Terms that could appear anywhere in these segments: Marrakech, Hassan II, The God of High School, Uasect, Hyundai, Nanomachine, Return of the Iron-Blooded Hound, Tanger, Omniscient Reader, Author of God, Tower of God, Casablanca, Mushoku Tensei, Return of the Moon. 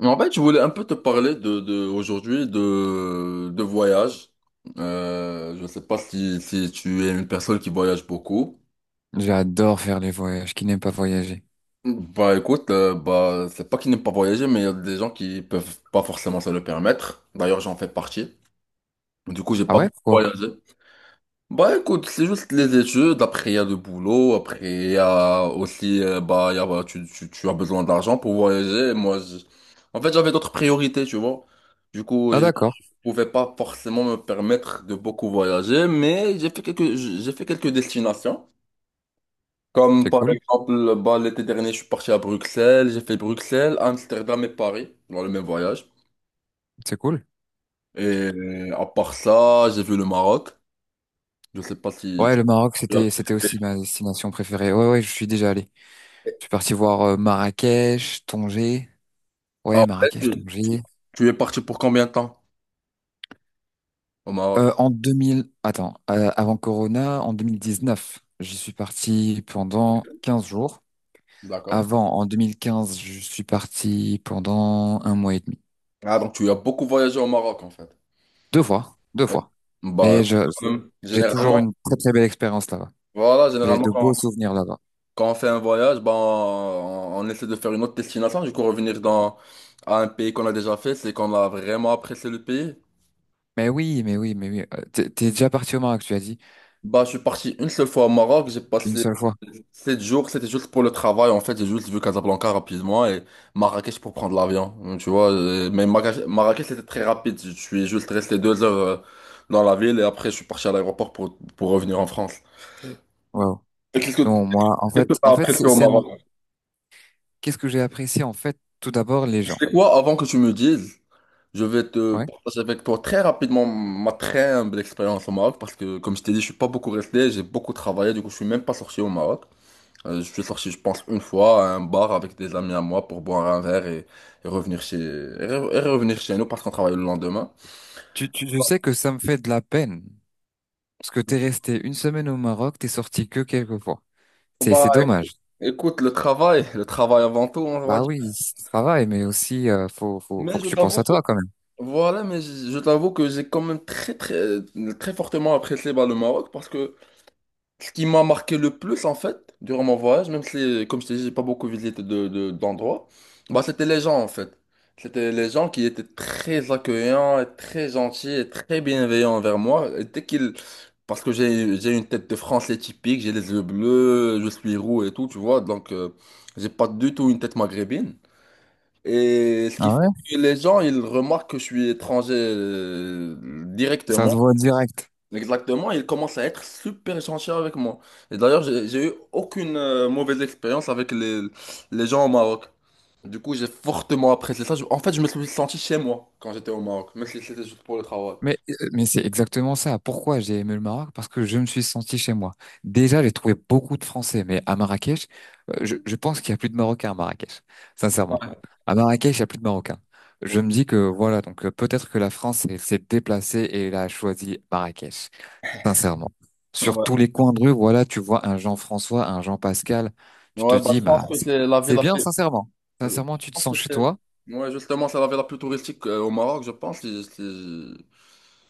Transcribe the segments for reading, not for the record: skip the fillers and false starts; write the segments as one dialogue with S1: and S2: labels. S1: Mais en fait, je voulais un peu te parler de aujourd'hui de voyage. Je ne sais pas si tu es une personne qui voyage beaucoup.
S2: J'adore faire les voyages. Qui n'aime pas voyager?
S1: Bah écoute, bah c'est pas qu'ils n'aiment pas voyager, mais il y a des gens qui peuvent pas forcément se le permettre. D'ailleurs, j'en fais partie. Du coup, j'ai
S2: Ah
S1: pas
S2: ouais,
S1: beaucoup
S2: pourquoi?
S1: voyagé. Bah écoute, c'est juste les études. Après, il y a le boulot. Après, il y a aussi, bah, il y a, bah, tu as besoin d'argent pour voyager. Moi, en fait, j'avais d'autres priorités, tu vois. Du coup,
S2: Ah
S1: j'ai
S2: d'accord,
S1: pouvais pas forcément me permettre de beaucoup voyager, mais j'ai fait quelques destinations. Comme
S2: c'est
S1: par
S2: cool,
S1: exemple, bah, l'été dernier, je suis parti à Bruxelles, j'ai fait Bruxelles, Amsterdam et Paris dans le même voyage.
S2: c'est cool.
S1: Et à part ça, j'ai vu le Maroc. Je sais pas si
S2: Ouais,
S1: tu...
S2: le Maroc, c'était aussi ma destination préférée. Ouais, ouais, je suis déjà allé. Je suis parti voir Marrakech, Tanger. Ouais,
S1: Ah ouais,
S2: Marrakech,
S1: tu, tu-
S2: Tanger.
S1: tu es parti pour combien de temps au Maroc?
S2: En 2000, attends, avant Corona, en 2019, j'y suis parti pendant 15 jours.
S1: D'accord.
S2: Avant, en 2015, je suis parti pendant un mois et demi.
S1: Ah, donc tu as beaucoup voyagé au Maroc en fait.
S2: Deux fois, deux
S1: Eh,
S2: fois.
S1: Bah,
S2: Mais je,
S1: quand même,
S2: j'ai toujours
S1: généralement,
S2: une très très belle expérience là-bas.
S1: voilà,
S2: J'ai de
S1: généralement,
S2: beaux souvenirs là-bas.
S1: quand on fait un voyage, ben, on essaie de faire une autre destination. Du coup, revenir à un pays qu'on a déjà fait, c'est qu'on a vraiment apprécié le pays.
S2: Mais oui, mais oui, mais oui. T'es déjà parti au Maroc, tu as dit,
S1: Bah, je suis parti une seule fois au Maroc. J'ai
S2: une
S1: passé
S2: seule fois.
S1: 7 jours. C'était juste pour le travail. En fait, j'ai juste vu Casablanca rapidement et Marrakech pour prendre l'avion. Donc, tu vois, mais Marrakech, c'était très rapide. Je suis juste resté 2 heures dans la ville et après, je suis parti à l'aéroport pour revenir en France.
S2: Waouh.
S1: Et Qu'est-ce que
S2: Non, moi, en
S1: qu'est-ce que
S2: fait,
S1: t'as
S2: en fait, c'est
S1: apprécié au
S2: c'est un...
S1: Maroc?
S2: Qu'est-ce que j'ai apprécié, en fait, tout d'abord, les gens.
S1: C'est quoi, avant que tu me dises? Je vais te
S2: Ouais.
S1: partager avec toi très rapidement ma très humble expérience au Maroc parce que, comme je t'ai dit, je suis pas beaucoup resté, j'ai beaucoup travaillé, du coup, je suis même pas sorti au Maroc. Je suis sorti, je pense, une fois à un bar avec des amis à moi pour boire un verre et revenir chez, et re- et revenir chez nous parce qu'on travaille le lendemain.
S2: Je sais que ça me fait de la peine. Parce que t'es resté une semaine au Maroc, t'es sorti que quelques fois. C'est,
S1: Bah,
S2: c'est
S1: éc-
S2: dommage.
S1: écoute, le travail avant tout, on va
S2: Bah
S1: dire.
S2: oui, c'est le travail, mais aussi, faut
S1: Mais
S2: que
S1: je
S2: tu
S1: t'avoue
S2: penses à
S1: que...
S2: toi, quand même.
S1: Voilà, mais je t'avoue que j'ai quand même très fortement apprécié bah, le Maroc parce que ce qui m'a marqué le plus, en fait, durant mon voyage, même si, comme je t'ai dit, j'ai pas beaucoup visité d'endroits, bah, c'était les gens, en fait. C'était les gens qui étaient très accueillants, et très gentils et très bienveillants envers moi. Et dès qu'ils... Parce que j'ai une tête de Français typique, j'ai les yeux bleus, je suis roux et tout, tu vois, donc j'ai pas du tout une tête maghrébine. Et ce
S2: Ah
S1: qui fait
S2: ouais?
S1: que les gens, ils remarquent que je suis étranger
S2: Ça se
S1: directement.
S2: voit direct.
S1: Exactement, il commence à être super gentil avec moi. Et d'ailleurs, j'ai eu aucune mauvaise expérience avec les gens au Maroc. Du coup, j'ai fortement apprécié ça. En fait, je me suis senti chez moi quand j'étais au Maroc, même si c'était juste pour le travail.
S2: Mais c'est exactement ça. Pourquoi j'ai aimé le Maroc? Parce que je me suis senti chez moi. Déjà, j'ai trouvé beaucoup de Français, mais à Marrakech, je pense qu'il y a plus de Marocains à Marrakech, sincèrement.
S1: Ouais.
S2: À Marrakech, il y a plus de Marocains. Je
S1: Donc,
S2: me dis que voilà, donc peut-être que la France s'est déplacée et elle a choisi Marrakech, sincèrement. Sur tous
S1: ouais.
S2: les coins de rue, voilà, tu vois un Jean-François, un Jean-Pascal, tu te
S1: Ouais, bah, je
S2: dis, bah,
S1: pense que
S2: c'est
S1: c'est la ville
S2: c'est
S1: la
S2: bien,
S1: plus...
S2: sincèrement.
S1: je
S2: Sincèrement, tu te
S1: pense que
S2: sens chez
S1: c'est-
S2: toi.
S1: ouais, justement, c'est la ville la plus touristique au Maroc, je pense.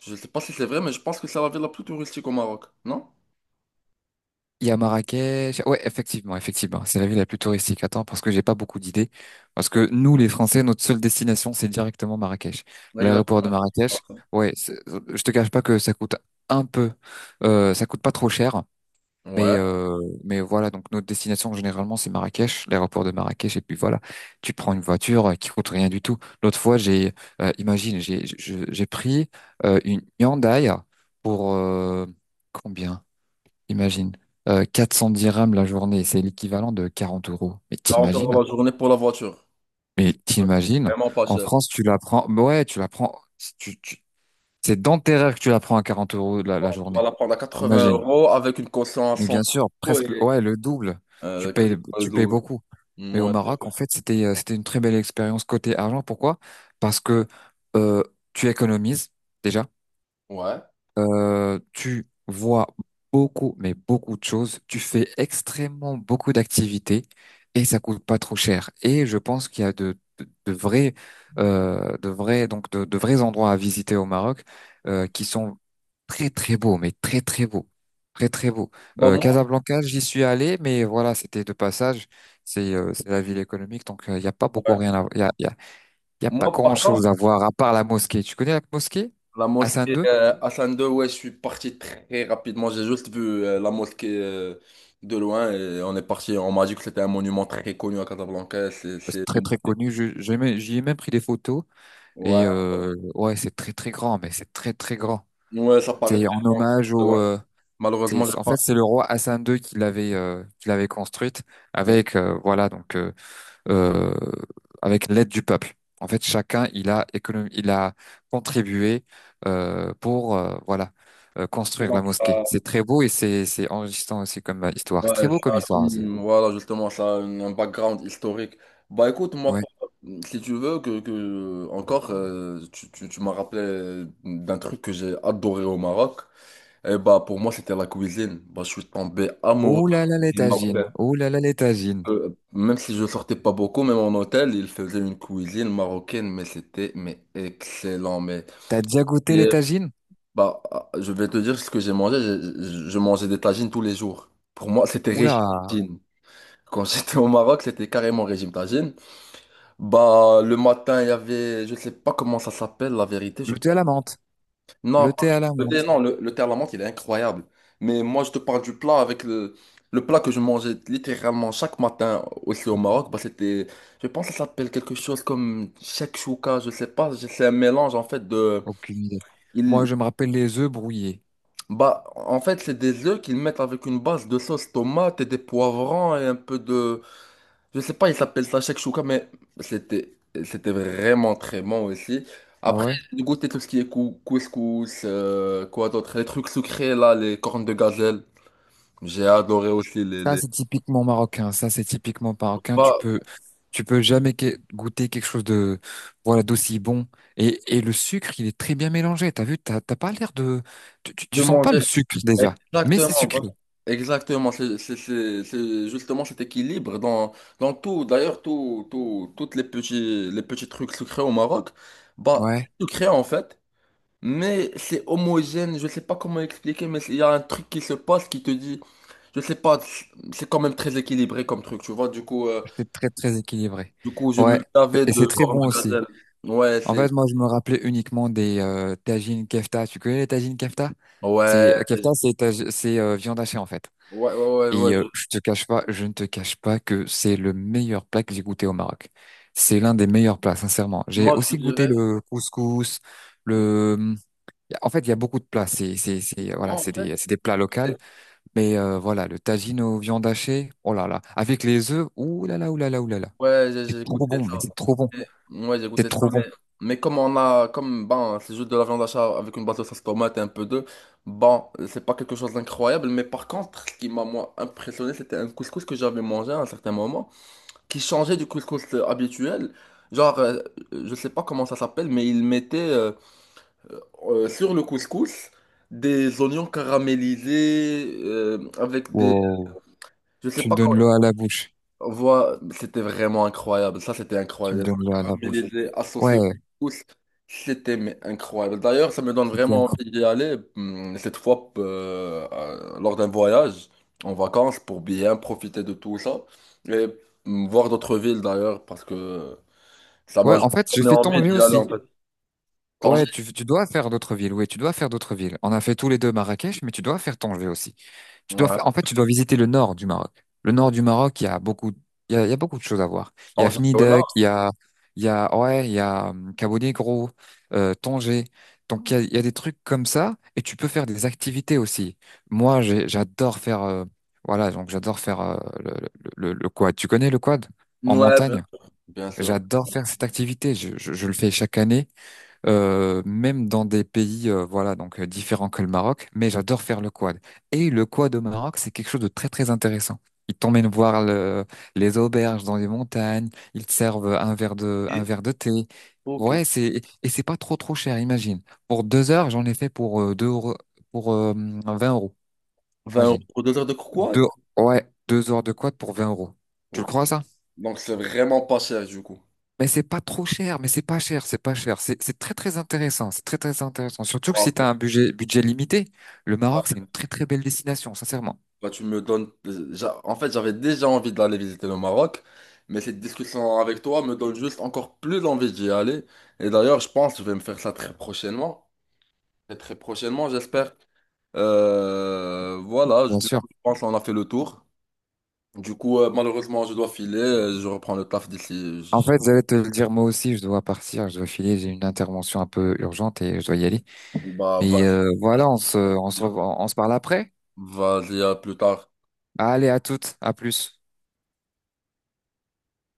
S1: Je sais pas si c'est vrai, mais je pense que c'est la ville la plus touristique au Maroc, non?
S2: Il y a Marrakech. Ouais, effectivement, effectivement. C'est la ville la plus touristique. Attends, parce que j'ai pas beaucoup d'idées. Parce que nous, les Français, notre seule destination, c'est directement Marrakech.
S1: Exactement.
S2: L'aéroport de Marrakech. Ouais, je te cache pas que ça coûte un peu, ça coûte pas trop cher. Mais,
S1: Ouais,
S2: euh, mais voilà, donc notre destination généralement c'est Marrakech, l'aéroport de Marrakech, et puis voilà, tu prends une voiture qui coûte rien du tout. L'autre fois, imagine, j'ai pris une Hyundai pour combien? Imagine. 410 dirhams la journée, c'est l'équivalent de 40 euros. Mais
S1: 40 euros
S2: t'imagines?
S1: la journée pour la voiture.
S2: Mais t'imagines?
S1: Vraiment pas
S2: En
S1: cher.
S2: France, tu la prends, mais ouais, tu la prends. Si tu- tu- C'est dans tes rêves que tu la prends à 40 € la
S1: Tu vas
S2: journée.
S1: la prendre à 80
S2: Imagine.
S1: euros avec une caution à
S2: Mais
S1: 100
S2: bien sûr,
S1: euros
S2: presque.
S1: et
S2: Ouais, le double.
S1: quasiment le
S2: Tu payes
S1: double.
S2: beaucoup. Mais au Maroc,
S1: Ouais.
S2: en fait, c'était une très belle expérience côté argent. Pourquoi? Parce que euh, tu économises déjà.
S1: Ouais,
S2: Tu vois beaucoup, mais beaucoup de choses. Tu fais extrêmement beaucoup d'activités et ça coûte pas trop cher. Et je pense qu'il y a de vrais, de vrais, donc de vrais endroits à visiter au Maroc
S1: ouais.
S2: qui sont très très beaux, mais très très beaux, très très beaux.
S1: Bah moi,
S2: Casablanca, j'y suis allé, mais voilà, c'était de passage. C'est la ville économique, donc il n'y a pas beaucoup
S1: ouais.
S2: rien à, il y a pas
S1: Moi par contre,
S2: grand-chose à voir à part la mosquée. Tu connais la mosquée?
S1: la
S2: Hassan.
S1: mosquée Hassan II, ouais, je suis parti très rapidement. J'ai juste vu la mosquée de loin et on est parti. On m'a dit que c'était un monument très connu à Casablanca.
S2: C'est très très connu. J'y ai même pris des photos.
S1: Ouais.
S2: Et ouais, c'est très très grand, mais c'est très très grand.
S1: Ouais, ça paraît
S2: C'est
S1: très
S2: en hommage
S1: grand.
S2: au.
S1: Ouais. Malheureusement, j'ai
S2: En fait,
S1: pas.
S2: c'est le roi Hassan II qui l'avait construite
S1: Ouais.
S2: avec voilà donc euh, avec l'aide du peuple. En fait, chacun il a contribué pour voilà construire la
S1: Donc,
S2: mosquée.
S1: ça-
S2: C'est très beau et c'est enrichissant aussi comme histoire. C'est
S1: ouais,
S2: très beau
S1: ça
S2: comme
S1: a
S2: histoire aussi.
S1: voilà, justement, ça a un background historique. Bah écoute, moi,
S2: Ouais.
S1: si tu veux, que encore, tu m'as rappelé d'un truc que j'ai adoré au Maroc. Et bah pour moi, c'était la cuisine. Bah, je suis tombé amoureux
S2: Oh
S1: de
S2: là là
S1: la
S2: les
S1: cuisine marocaine.
S2: tagines. Oh là là les tagines.
S1: Même si je sortais pas beaucoup, même en hôtel, ils faisaient une cuisine marocaine, mais c'était mais excellent. Mais
S2: T'as déjà goûté les
S1: et
S2: tagines?
S1: bah, je vais te dire ce que j'ai mangé. Je mangeais des tagines tous les jours. Pour moi, c'était régime.
S2: Oula,
S1: Quand j'étais au Maroc, c'était carrément régime tagine. Bah, le matin, il y avait, je sais pas comment ça s'appelle, la vérité. Je...
S2: le thé à la menthe.
S1: Non,
S2: Le
S1: pas
S2: thé à la
S1: du thé,
S2: menthe.
S1: non, le thé à la menthe, il est incroyable. Mais moi, je te parle du plat avec le plat que je mangeais littéralement chaque matin aussi au Maroc. Bah, c'était, je pense que ça s'appelle quelque chose comme chouka, je sais pas. C'est un mélange, en fait,
S2: Aucune idée. Moi,
S1: il,
S2: je me rappelle les œufs brouillés.
S1: bah, en fait, c'est des œufs qu'ils mettent avec une base de sauce tomate et des poivrons et un peu de, je sais pas, il s'appelle ça chouka mais c'était c'était vraiment très bon aussi.
S2: Ah
S1: Après,
S2: ouais?
S1: j'ai goûté tout ce qui est couscous, quoi d'autre, les trucs sucrés là, les cornes de gazelle. J'ai adoré aussi
S2: Ça,
S1: les...
S2: c'est typiquement marocain. Ça, c'est typiquement marocain. Tu
S1: Bah,
S2: peux, tu peux jamais goûter quelque chose de, voilà, d'aussi bon. Et le sucre, il est très bien mélangé. T'as vu, t'as pas l'air de, tu, tu,
S1: de
S2: tu sens pas le
S1: manger.
S2: sucre déjà. Mais c'est
S1: Exactement,
S2: sucré.
S1: exactement. C'est justement cet équilibre dans tout. D'ailleurs, toutes les les petits trucs sucrés au Maroc, bah, c'est
S2: Ouais,
S1: sucré en fait, mais c'est homogène. Je sais pas comment expliquer, mais il y a un truc qui se passe qui te dit. Je sais pas, c'est quand même très équilibré comme truc, tu vois. Du coup,
S2: c'est très, très équilibré.
S1: je me
S2: Ouais.
S1: lavais
S2: Et
S1: de
S2: c'est très
S1: corne
S2: bon
S1: de
S2: aussi.
S1: gazelle. Ouais,
S2: En
S1: c'est.
S2: fait, moi, je me rappelais uniquement des tagines kefta. Tu connais les tagines kefta? C'est
S1: Ouais, je-
S2: Kefta, c'est viande hachée en fait.
S1: ouais, ouais, ouais. ouais,
S2: Et
S1: je-
S2: je te cache pas, je ne te cache pas que c'est le meilleur plat que j'ai goûté au Maroc. C'est l'un des meilleurs plats, sincèrement. J'ai
S1: Moi, je
S2: aussi goûté
S1: dirais.
S2: le couscous, le. En fait, il y a beaucoup de plats. C'est c'est c'est
S1: Moi,
S2: voilà,
S1: en
S2: c'est
S1: fait,
S2: des c'est des plats locaux.
S1: c'est-
S2: Mais voilà, le tagine aux viandes hachées, oh là là, avec les œufs, ouh là là, ouh là là, ouh là là.
S1: ouais,
S2: C'est
S1: j'ai
S2: trop
S1: goûté
S2: bon, mais
S1: ça.
S2: c'est trop bon,
S1: Et- ouais, j'ai
S2: c'est
S1: goûté ça,
S2: trop bon.
S1: mais comme on a. Comme, ben, c'est juste de la viande d'achat avec une base de sauce tomate et un peu d'œuf. Bon, c'est pas quelque chose d'incroyable, mais par contre, ce qui m'a, moi, impressionné, c'était un couscous que j'avais mangé à un certain moment, qui changeait du couscous habituel. Genre, je sais pas comment ça s'appelle, mais ils mettaient sur le couscous des oignons caramélisés avec des...
S2: Wow,
S1: Je sais
S2: tu me
S1: pas
S2: donnes
S1: comment...
S2: l'eau à la bouche,
S1: C'était vraiment incroyable. Ça, c'était
S2: tu me
S1: incroyable. Les
S2: donnes
S1: oignons
S2: l'eau à la bouche.
S1: caramélisés
S2: Ouais,
S1: associés au couscous, c'était mais, incroyable. D'ailleurs, ça me donne
S2: c'était
S1: vraiment
S2: incroyable.
S1: envie d'y aller cette fois lors d'un voyage en vacances pour bien profiter de tout ça. Et voir d'autres villes d'ailleurs parce que... Ça m'a
S2: Ouais,
S1: juste
S2: en fait, j'ai
S1: donné
S2: fait
S1: envie
S2: tonger
S1: d'y aller en
S2: aussi.
S1: fait. Tanger?
S2: Ouais, tu dois faire d'autres villes, oui, tu dois faire d'autres villes. On a fait tous les deux Marrakech, mais tu dois faire Tanger aussi.
S1: Ouais.
S2: En fait, tu dois visiter le nord du Maroc. Le nord du Maroc, il y a beaucoup de choses à voir. Il y a
S1: Tanger au nord?
S2: Fnideq, ouais, il y a Cabo Negro, Tanger. Donc, il y a des trucs comme ça, et tu peux faire des activités aussi. Moi, j'adore faire, voilà, donc j'adore faire le quad. Tu connais le quad en
S1: Ouais, bien
S2: montagne?
S1: sûr. Bien sûr.
S2: J'adore faire cette activité. Je le fais chaque année même dans des pays voilà donc différents que le Maroc, mais j'adore faire le quad. Et le quad au Maroc, c'est quelque chose de très très intéressant. Ils t'emmènent voir les auberges dans les montagnes, ils te servent un verre de thé.
S1: Ok, ok.
S2: Ouais, c'est pas trop trop cher, imagine. Pour 2 heures, j'en ai fait pour 2 euros, pour 20 euros,
S1: 20 euros
S2: imagine.
S1: pour 2 heures de
S2: Deux
S1: croquade?
S2: Ouais, 2 heures de quad pour 20 euros. Tu le
S1: Ok.
S2: crois ça?
S1: Donc c'est vraiment pas cher du coup.
S2: Mais c'est pas trop cher, mais c'est pas cher, c'est pas cher. C'est très très intéressant, c'est très très intéressant. Surtout que
S1: Ah,
S2: si tu
S1: mais,
S2: as un budget limité, le Maroc c'est
S1: ah,
S2: une très très belle destination, sincèrement.
S1: bah, tu me donnes. En fait, j'avais déjà envie d'aller visiter le Maroc, mais cette discussion avec toi me donne juste encore plus envie d'y aller. Et d'ailleurs, je pense que je vais me faire ça très prochainement. Et très prochainement, j'espère. Voilà,
S2: Bien
S1: du
S2: sûr.
S1: coup, je pense qu'on a fait le tour. Du coup, malheureusement, je dois filer. Je reprends le taf d'ici. je-
S2: En
S1: je-
S2: fait, j'allais te le dire moi aussi, je dois partir, je dois filer, j'ai une intervention un peu urgente et je dois y aller.
S1: Bah,
S2: Mais voilà, on se parle après.
S1: vas-y, à plus tard.
S2: Allez, à toutes, à plus.